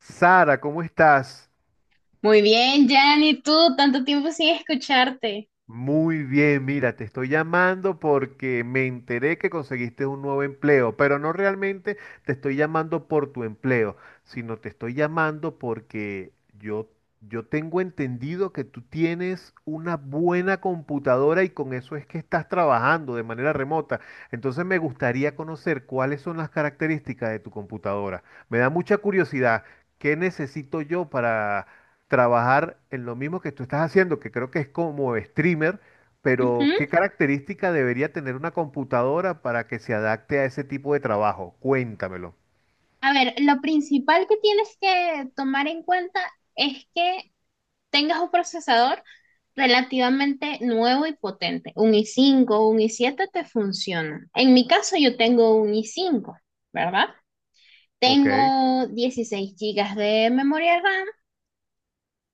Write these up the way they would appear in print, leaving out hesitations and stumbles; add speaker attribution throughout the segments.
Speaker 1: Sara, ¿cómo estás?
Speaker 2: Muy bien, Jan, ¿y tú? Tanto tiempo sin escucharte.
Speaker 1: Muy bien, mira, te estoy llamando porque me enteré que conseguiste un nuevo empleo, pero no realmente te estoy llamando por tu empleo, sino te estoy llamando porque yo, yo tengo entendido que tú tienes una buena computadora y con eso es que estás trabajando de manera remota. Entonces me gustaría conocer cuáles son las características de tu computadora. Me da mucha curiosidad, ¿qué necesito yo para trabajar en lo mismo que tú estás haciendo, que creo que es como streamer, pero
Speaker 2: Ujú.
Speaker 1: ¿qué característica debería tener una computadora para que se adapte a ese tipo de trabajo? Cuéntamelo.
Speaker 2: A ver, lo principal que tienes que tomar en cuenta es que tengas un procesador relativamente nuevo y potente. Un i5 un i7 te funcionan. En mi caso, yo tengo un i5, ¿verdad?
Speaker 1: ¿Ok?
Speaker 2: Tengo 16 gigas de memoria RAM,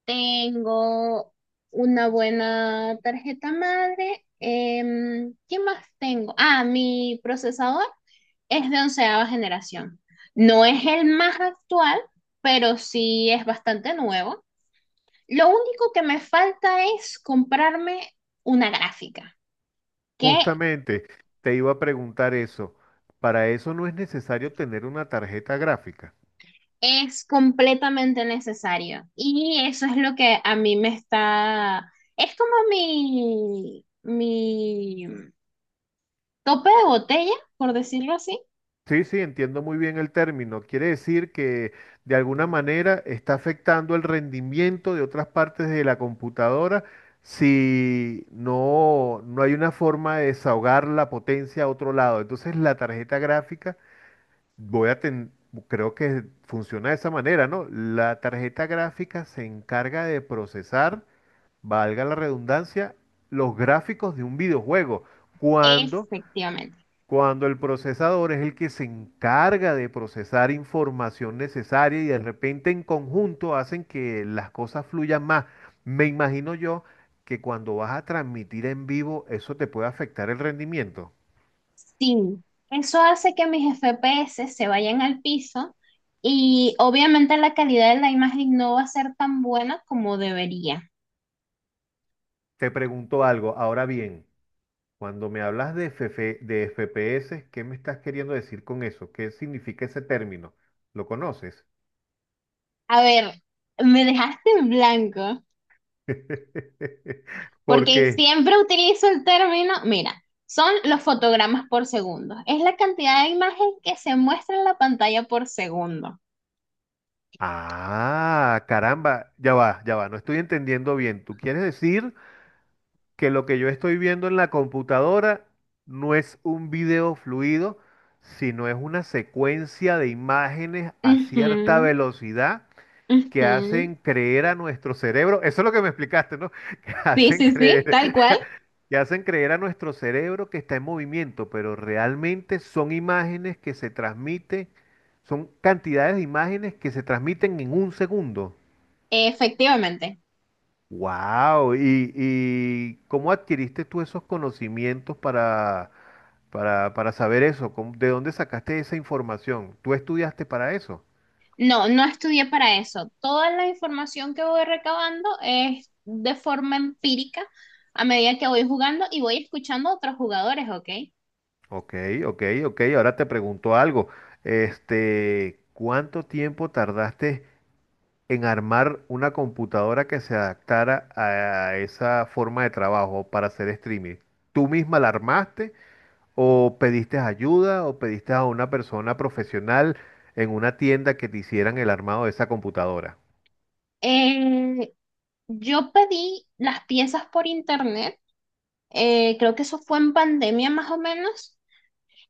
Speaker 2: tengo una buena tarjeta madre. ¿Qué más tengo? Ah, mi procesador es de 11.ª generación. No es el más actual, pero sí es bastante nuevo. Lo único que me falta es comprarme una gráfica, que
Speaker 1: Justamente te iba a preguntar eso. Para eso no es necesario tener una tarjeta gráfica.
Speaker 2: es completamente necesario. Y eso es lo que a mí me está... Es como mi tope de botella, por decirlo así.
Speaker 1: Sí, sí, entiendo muy bien el término. Quiere decir que de alguna manera está afectando el rendimiento de otras partes de la computadora si no, no hay una forma de desahogar la potencia a otro lado. Entonces la tarjeta gráfica, voy a ten- creo que funciona de esa manera, ¿no? La tarjeta gráfica se encarga de procesar, valga la redundancia, los gráficos de un videojuego. cuando
Speaker 2: Efectivamente.
Speaker 1: cuando el procesador es el que se encarga de procesar información necesaria y de repente en conjunto hacen que las cosas fluyan más. Me imagino yo que cuando vas a transmitir en vivo eso te puede afectar el rendimiento.
Speaker 2: Sí, eso hace que mis FPS se vayan al piso y obviamente la calidad de la imagen no va a ser tan buena como debería.
Speaker 1: Te pregunto algo, ahora bien, cuando me hablas de FF de FPS, ¿qué me estás queriendo decir con eso? ¿Qué significa ese término? ¿Lo conoces?
Speaker 2: A ver, me dejaste en blanco porque
Speaker 1: Porque
Speaker 2: siempre utilizo el término, mira, son los fotogramas por segundo. Es la cantidad de imagen que se muestra en la pantalla por segundo.
Speaker 1: ah, caramba, ya va, no estoy entendiendo bien. ¿Tú quieres decir que lo que yo estoy viendo en la computadora no es un video fluido, sino es una secuencia de imágenes a cierta
Speaker 2: Ujú,
Speaker 1: velocidad que
Speaker 2: ujú.
Speaker 1: hacen creer a nuestro cerebro, eso es lo que me explicaste, ¿no? Que
Speaker 2: Sí,
Speaker 1: hacen
Speaker 2: sí,
Speaker 1: creer,
Speaker 2: sí, tal cual.
Speaker 1: que hacen creer a nuestro cerebro que está en movimiento, pero realmente son imágenes que se transmiten, son cantidades de imágenes que se transmiten en un segundo.
Speaker 2: Efectivamente.
Speaker 1: Wow, ¿y cómo adquiriste tú esos conocimientos para, para saber eso? ¿Cómo- ¿De dónde sacaste esa información? ¿Tú estudiaste para eso?
Speaker 2: No, no estudié para eso. Toda la información que voy recabando es de forma empírica a medida que voy jugando y voy escuchando a otros jugadores, ¿ok?
Speaker 1: Ok, ok, ok. Ahora te pregunto algo. Este, ¿cuánto tiempo tardaste en armar una computadora que se adaptara a esa forma de trabajo para hacer streaming? ¿Tú misma la armaste ¿o pediste ayuda o pediste a una persona profesional en una tienda que te hicieran el armado de esa computadora?
Speaker 2: Eh, yo pedí las piezas por internet, creo que eso fue en pandemia más o menos.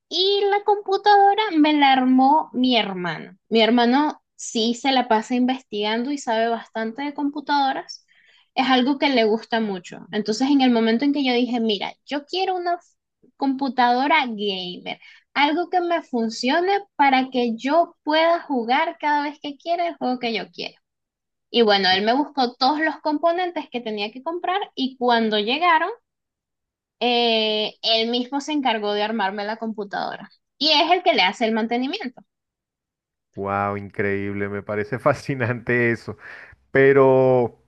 Speaker 2: Y la computadora me la armó mi hermano. Mi hermano sí se la pasa investigando y sabe bastante de computadoras. Es algo que le gusta mucho. Entonces, en el momento en que yo dije, mira, yo quiero una computadora gamer, algo que me funcione para que yo pueda jugar cada vez que quiera el juego que yo quiero. Y bueno, él me buscó todos los componentes que tenía que comprar y cuando llegaron, él mismo se encargó de armarme la computadora y es el que le hace el mantenimiento.
Speaker 1: ¡Wow! Increíble, me parece fascinante eso. Pero,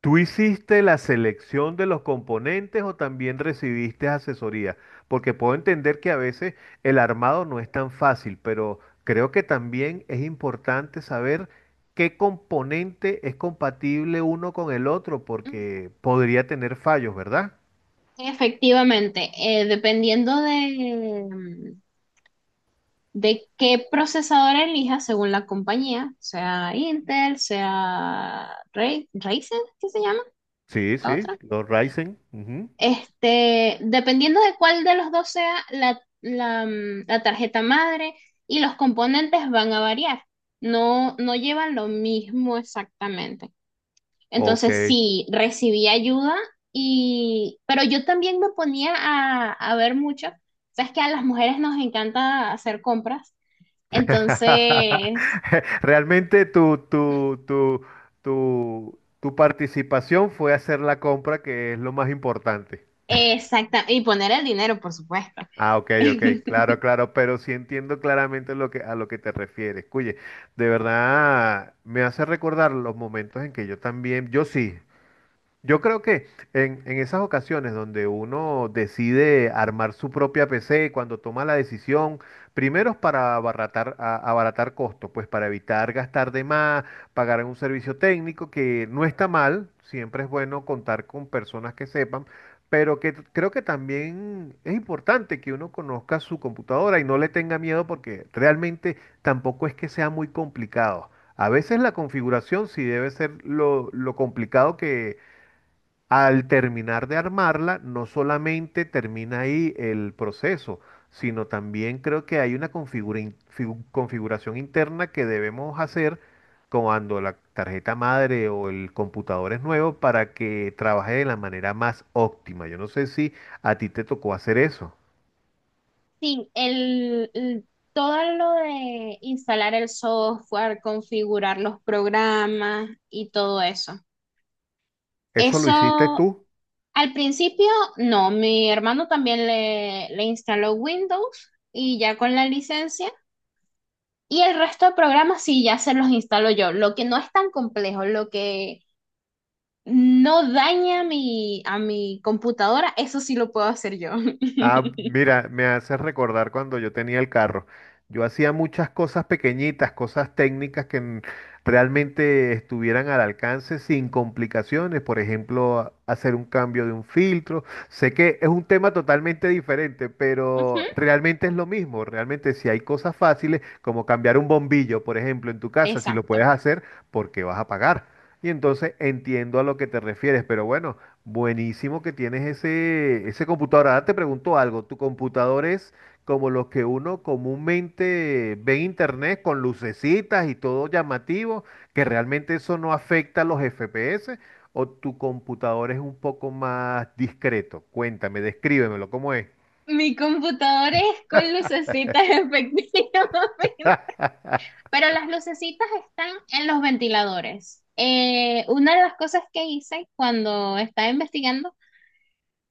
Speaker 1: ¿tú hiciste la selección de los componentes o también recibiste asesoría? Porque puedo entender que a veces el armado no es tan fácil, pero creo que también es importante saber qué componente es compatible uno con el otro,
Speaker 2: Mm,
Speaker 1: porque podría tener fallos, ¿verdad?
Speaker 2: Efectivamente, dependiendo de, qué procesador elija, según la compañía, sea Intel, sea Ryzen, ¿qué se llama
Speaker 1: Sí,
Speaker 2: la
Speaker 1: sí,
Speaker 2: otra?
Speaker 1: los Ryzen. Ujú.
Speaker 2: Este, dependiendo de cuál de los dos sea la tarjeta madre y los componentes van a variar. No, no llevan lo mismo exactamente.
Speaker 1: Ok.
Speaker 2: Entonces sí, recibí ayuda pero yo también me ponía a ver mucho. Sabes que a las mujeres nos encanta hacer compras, entonces,
Speaker 1: Realmente tu participación fue hacer la compra, que es lo más importante.
Speaker 2: exacta, y poner el dinero, por supuesto.
Speaker 1: Ah, ok, ok, claro, claro, pero sí entiendo claramente lo que, a lo que te refieres. Oye, de verdad me hace recordar los momentos en que yo también, yo sí, yo creo que en esas ocasiones donde uno decide armar su propia PC, cuando toma la decisión, primero es para abaratar, abaratar costos, pues para evitar gastar de más, pagar en un servicio técnico, que no está mal, siempre es bueno contar con personas que sepan, pero creo que también es importante que uno conozca su computadora y no le tenga miedo porque realmente tampoco es que sea muy complicado. A veces la configuración sí debe ser lo complicado que al terminar de armarla, no solamente termina ahí el proceso, sino también creo que hay una configuración interna que debemos hacer cuando la tarjeta madre o el computador es nuevo para que trabaje de la manera más óptima. Yo no sé si a ti te tocó hacer eso.
Speaker 2: Sí, todo lo de instalar el software, configurar los programas y todo eso.
Speaker 1: ¿Eso lo hiciste
Speaker 2: Eso
Speaker 1: tú?
Speaker 2: al principio no, mi hermano también le instaló Windows y ya con la licencia. Y el resto de programas sí, ya se los instalo yo. Lo que no es tan complejo, lo que no daña a mi computadora, eso sí lo puedo hacer yo.
Speaker 1: Ah, mira, me hace recordar cuando yo tenía el carro. Yo hacía muchas cosas pequeñitas, cosas técnicas realmente estuvieran al alcance sin complicaciones. Por ejemplo, hacer un cambio de un filtro. Sé que es un tema totalmente diferente,
Speaker 2: Ujú.
Speaker 1: pero realmente es lo mismo. Realmente si hay cosas fáciles, como cambiar un bombillo, por ejemplo, en tu casa, si lo puedes
Speaker 2: Exacto.
Speaker 1: hacer, ¿por qué vas a pagar? Y entonces entiendo a lo que te refieres, pero bueno. Buenísimo que tienes ese, ese computador. Ahora te pregunto algo. ¿Tu computador es como los que uno comúnmente ve en internet con lucecitas y todo llamativo, que realmente eso no afecta los FPS? ¿O tu computador es un poco más discreto? Cuéntame, descríbemelo, ¿cómo es?
Speaker 2: Mi computadora es con lucecitas, efectivamente. Pero las lucecitas están en los ventiladores. Una de las cosas que hice cuando estaba investigando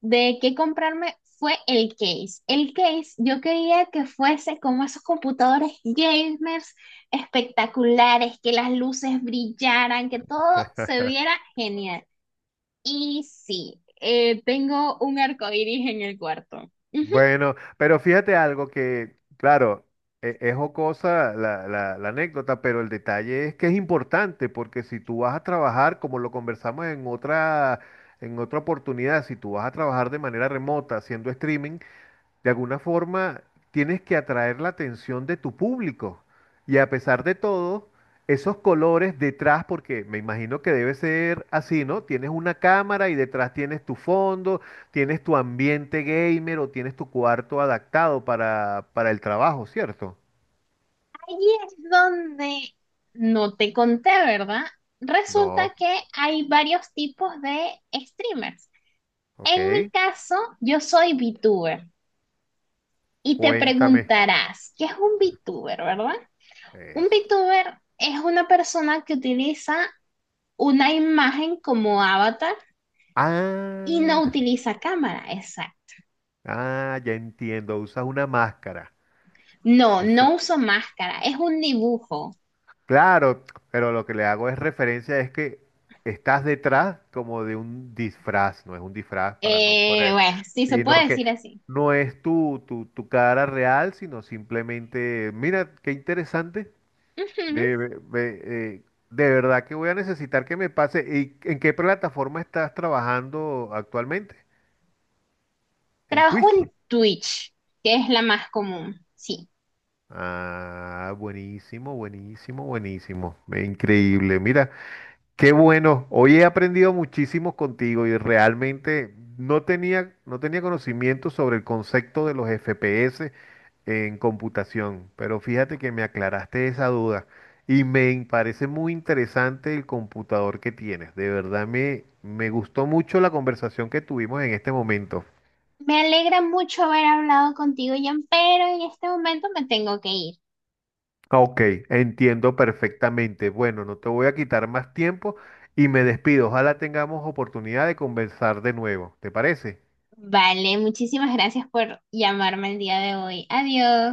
Speaker 2: de qué comprarme fue el case. El case yo quería que fuese como esos computadores gamers espectaculares, que las luces brillaran, que todo se viera genial. Y sí, tengo un arco iris en el cuarto. Ujú.
Speaker 1: Bueno, pero fíjate algo que, claro, es jocosa la anécdota, pero el detalle es que es importante, porque si tú vas a trabajar, como lo conversamos en otra oportunidad, si tú vas a trabajar de manera remota haciendo streaming, de alguna forma tienes que atraer la atención de tu público. Y a pesar de todo, esos colores detrás, porque me imagino que debe ser así, ¿no? Tienes una cámara y detrás tienes tu fondo, tienes tu ambiente gamer o tienes tu cuarto adaptado para el trabajo, ¿cierto?
Speaker 2: Ahí es donde no te conté, ¿verdad? Resulta
Speaker 1: No,
Speaker 2: que hay varios tipos de streamers. En mi
Speaker 1: ok.
Speaker 2: caso, yo soy VTuber. Y te
Speaker 1: Cuéntame
Speaker 2: preguntarás, ¿qué es un VTuber, verdad? Un
Speaker 1: eso.
Speaker 2: VTuber es una persona que utiliza una imagen como avatar y
Speaker 1: Ah,
Speaker 2: no utiliza cámara, exacto.
Speaker 1: ah, ya entiendo. Usas una máscara.
Speaker 2: No,
Speaker 1: Usa-
Speaker 2: no uso máscara, es un dibujo.
Speaker 1: Claro, pero lo que le hago es referencia es que estás detrás como de un disfraz, no es un disfraz para no poner,
Speaker 2: Bueno, sí se
Speaker 1: sino
Speaker 2: puede decir
Speaker 1: que
Speaker 2: así.
Speaker 1: no es tu cara real, sino simplemente, mira, qué interesante,
Speaker 2: Ujú.
Speaker 1: de, de verdad que voy a necesitar que me pase. ¿Y en qué plataforma estás trabajando actualmente? ¿En
Speaker 2: Trabajo
Speaker 1: Twitch?
Speaker 2: en Twitch, que es la más común, sí.
Speaker 1: Ah, buenísimo, buenísimo, buenísimo, ve, increíble, mira. Qué bueno, hoy he aprendido muchísimo contigo y realmente no tenía conocimiento sobre el concepto de los FPS en computación, pero fíjate que me aclaraste esa duda y me parece muy interesante el computador que tienes. De verdad me gustó mucho la conversación que tuvimos en este momento.
Speaker 2: Me alegra mucho haber hablado contigo, Jan, pero en este momento me tengo que ir.
Speaker 1: Ok, entiendo perfectamente. Bueno, no te voy a quitar más tiempo y me despido. Ojalá tengamos oportunidad de conversar de nuevo. ¿Te parece?
Speaker 2: Vale, muchísimas gracias por llamarme el día de hoy. Adiós.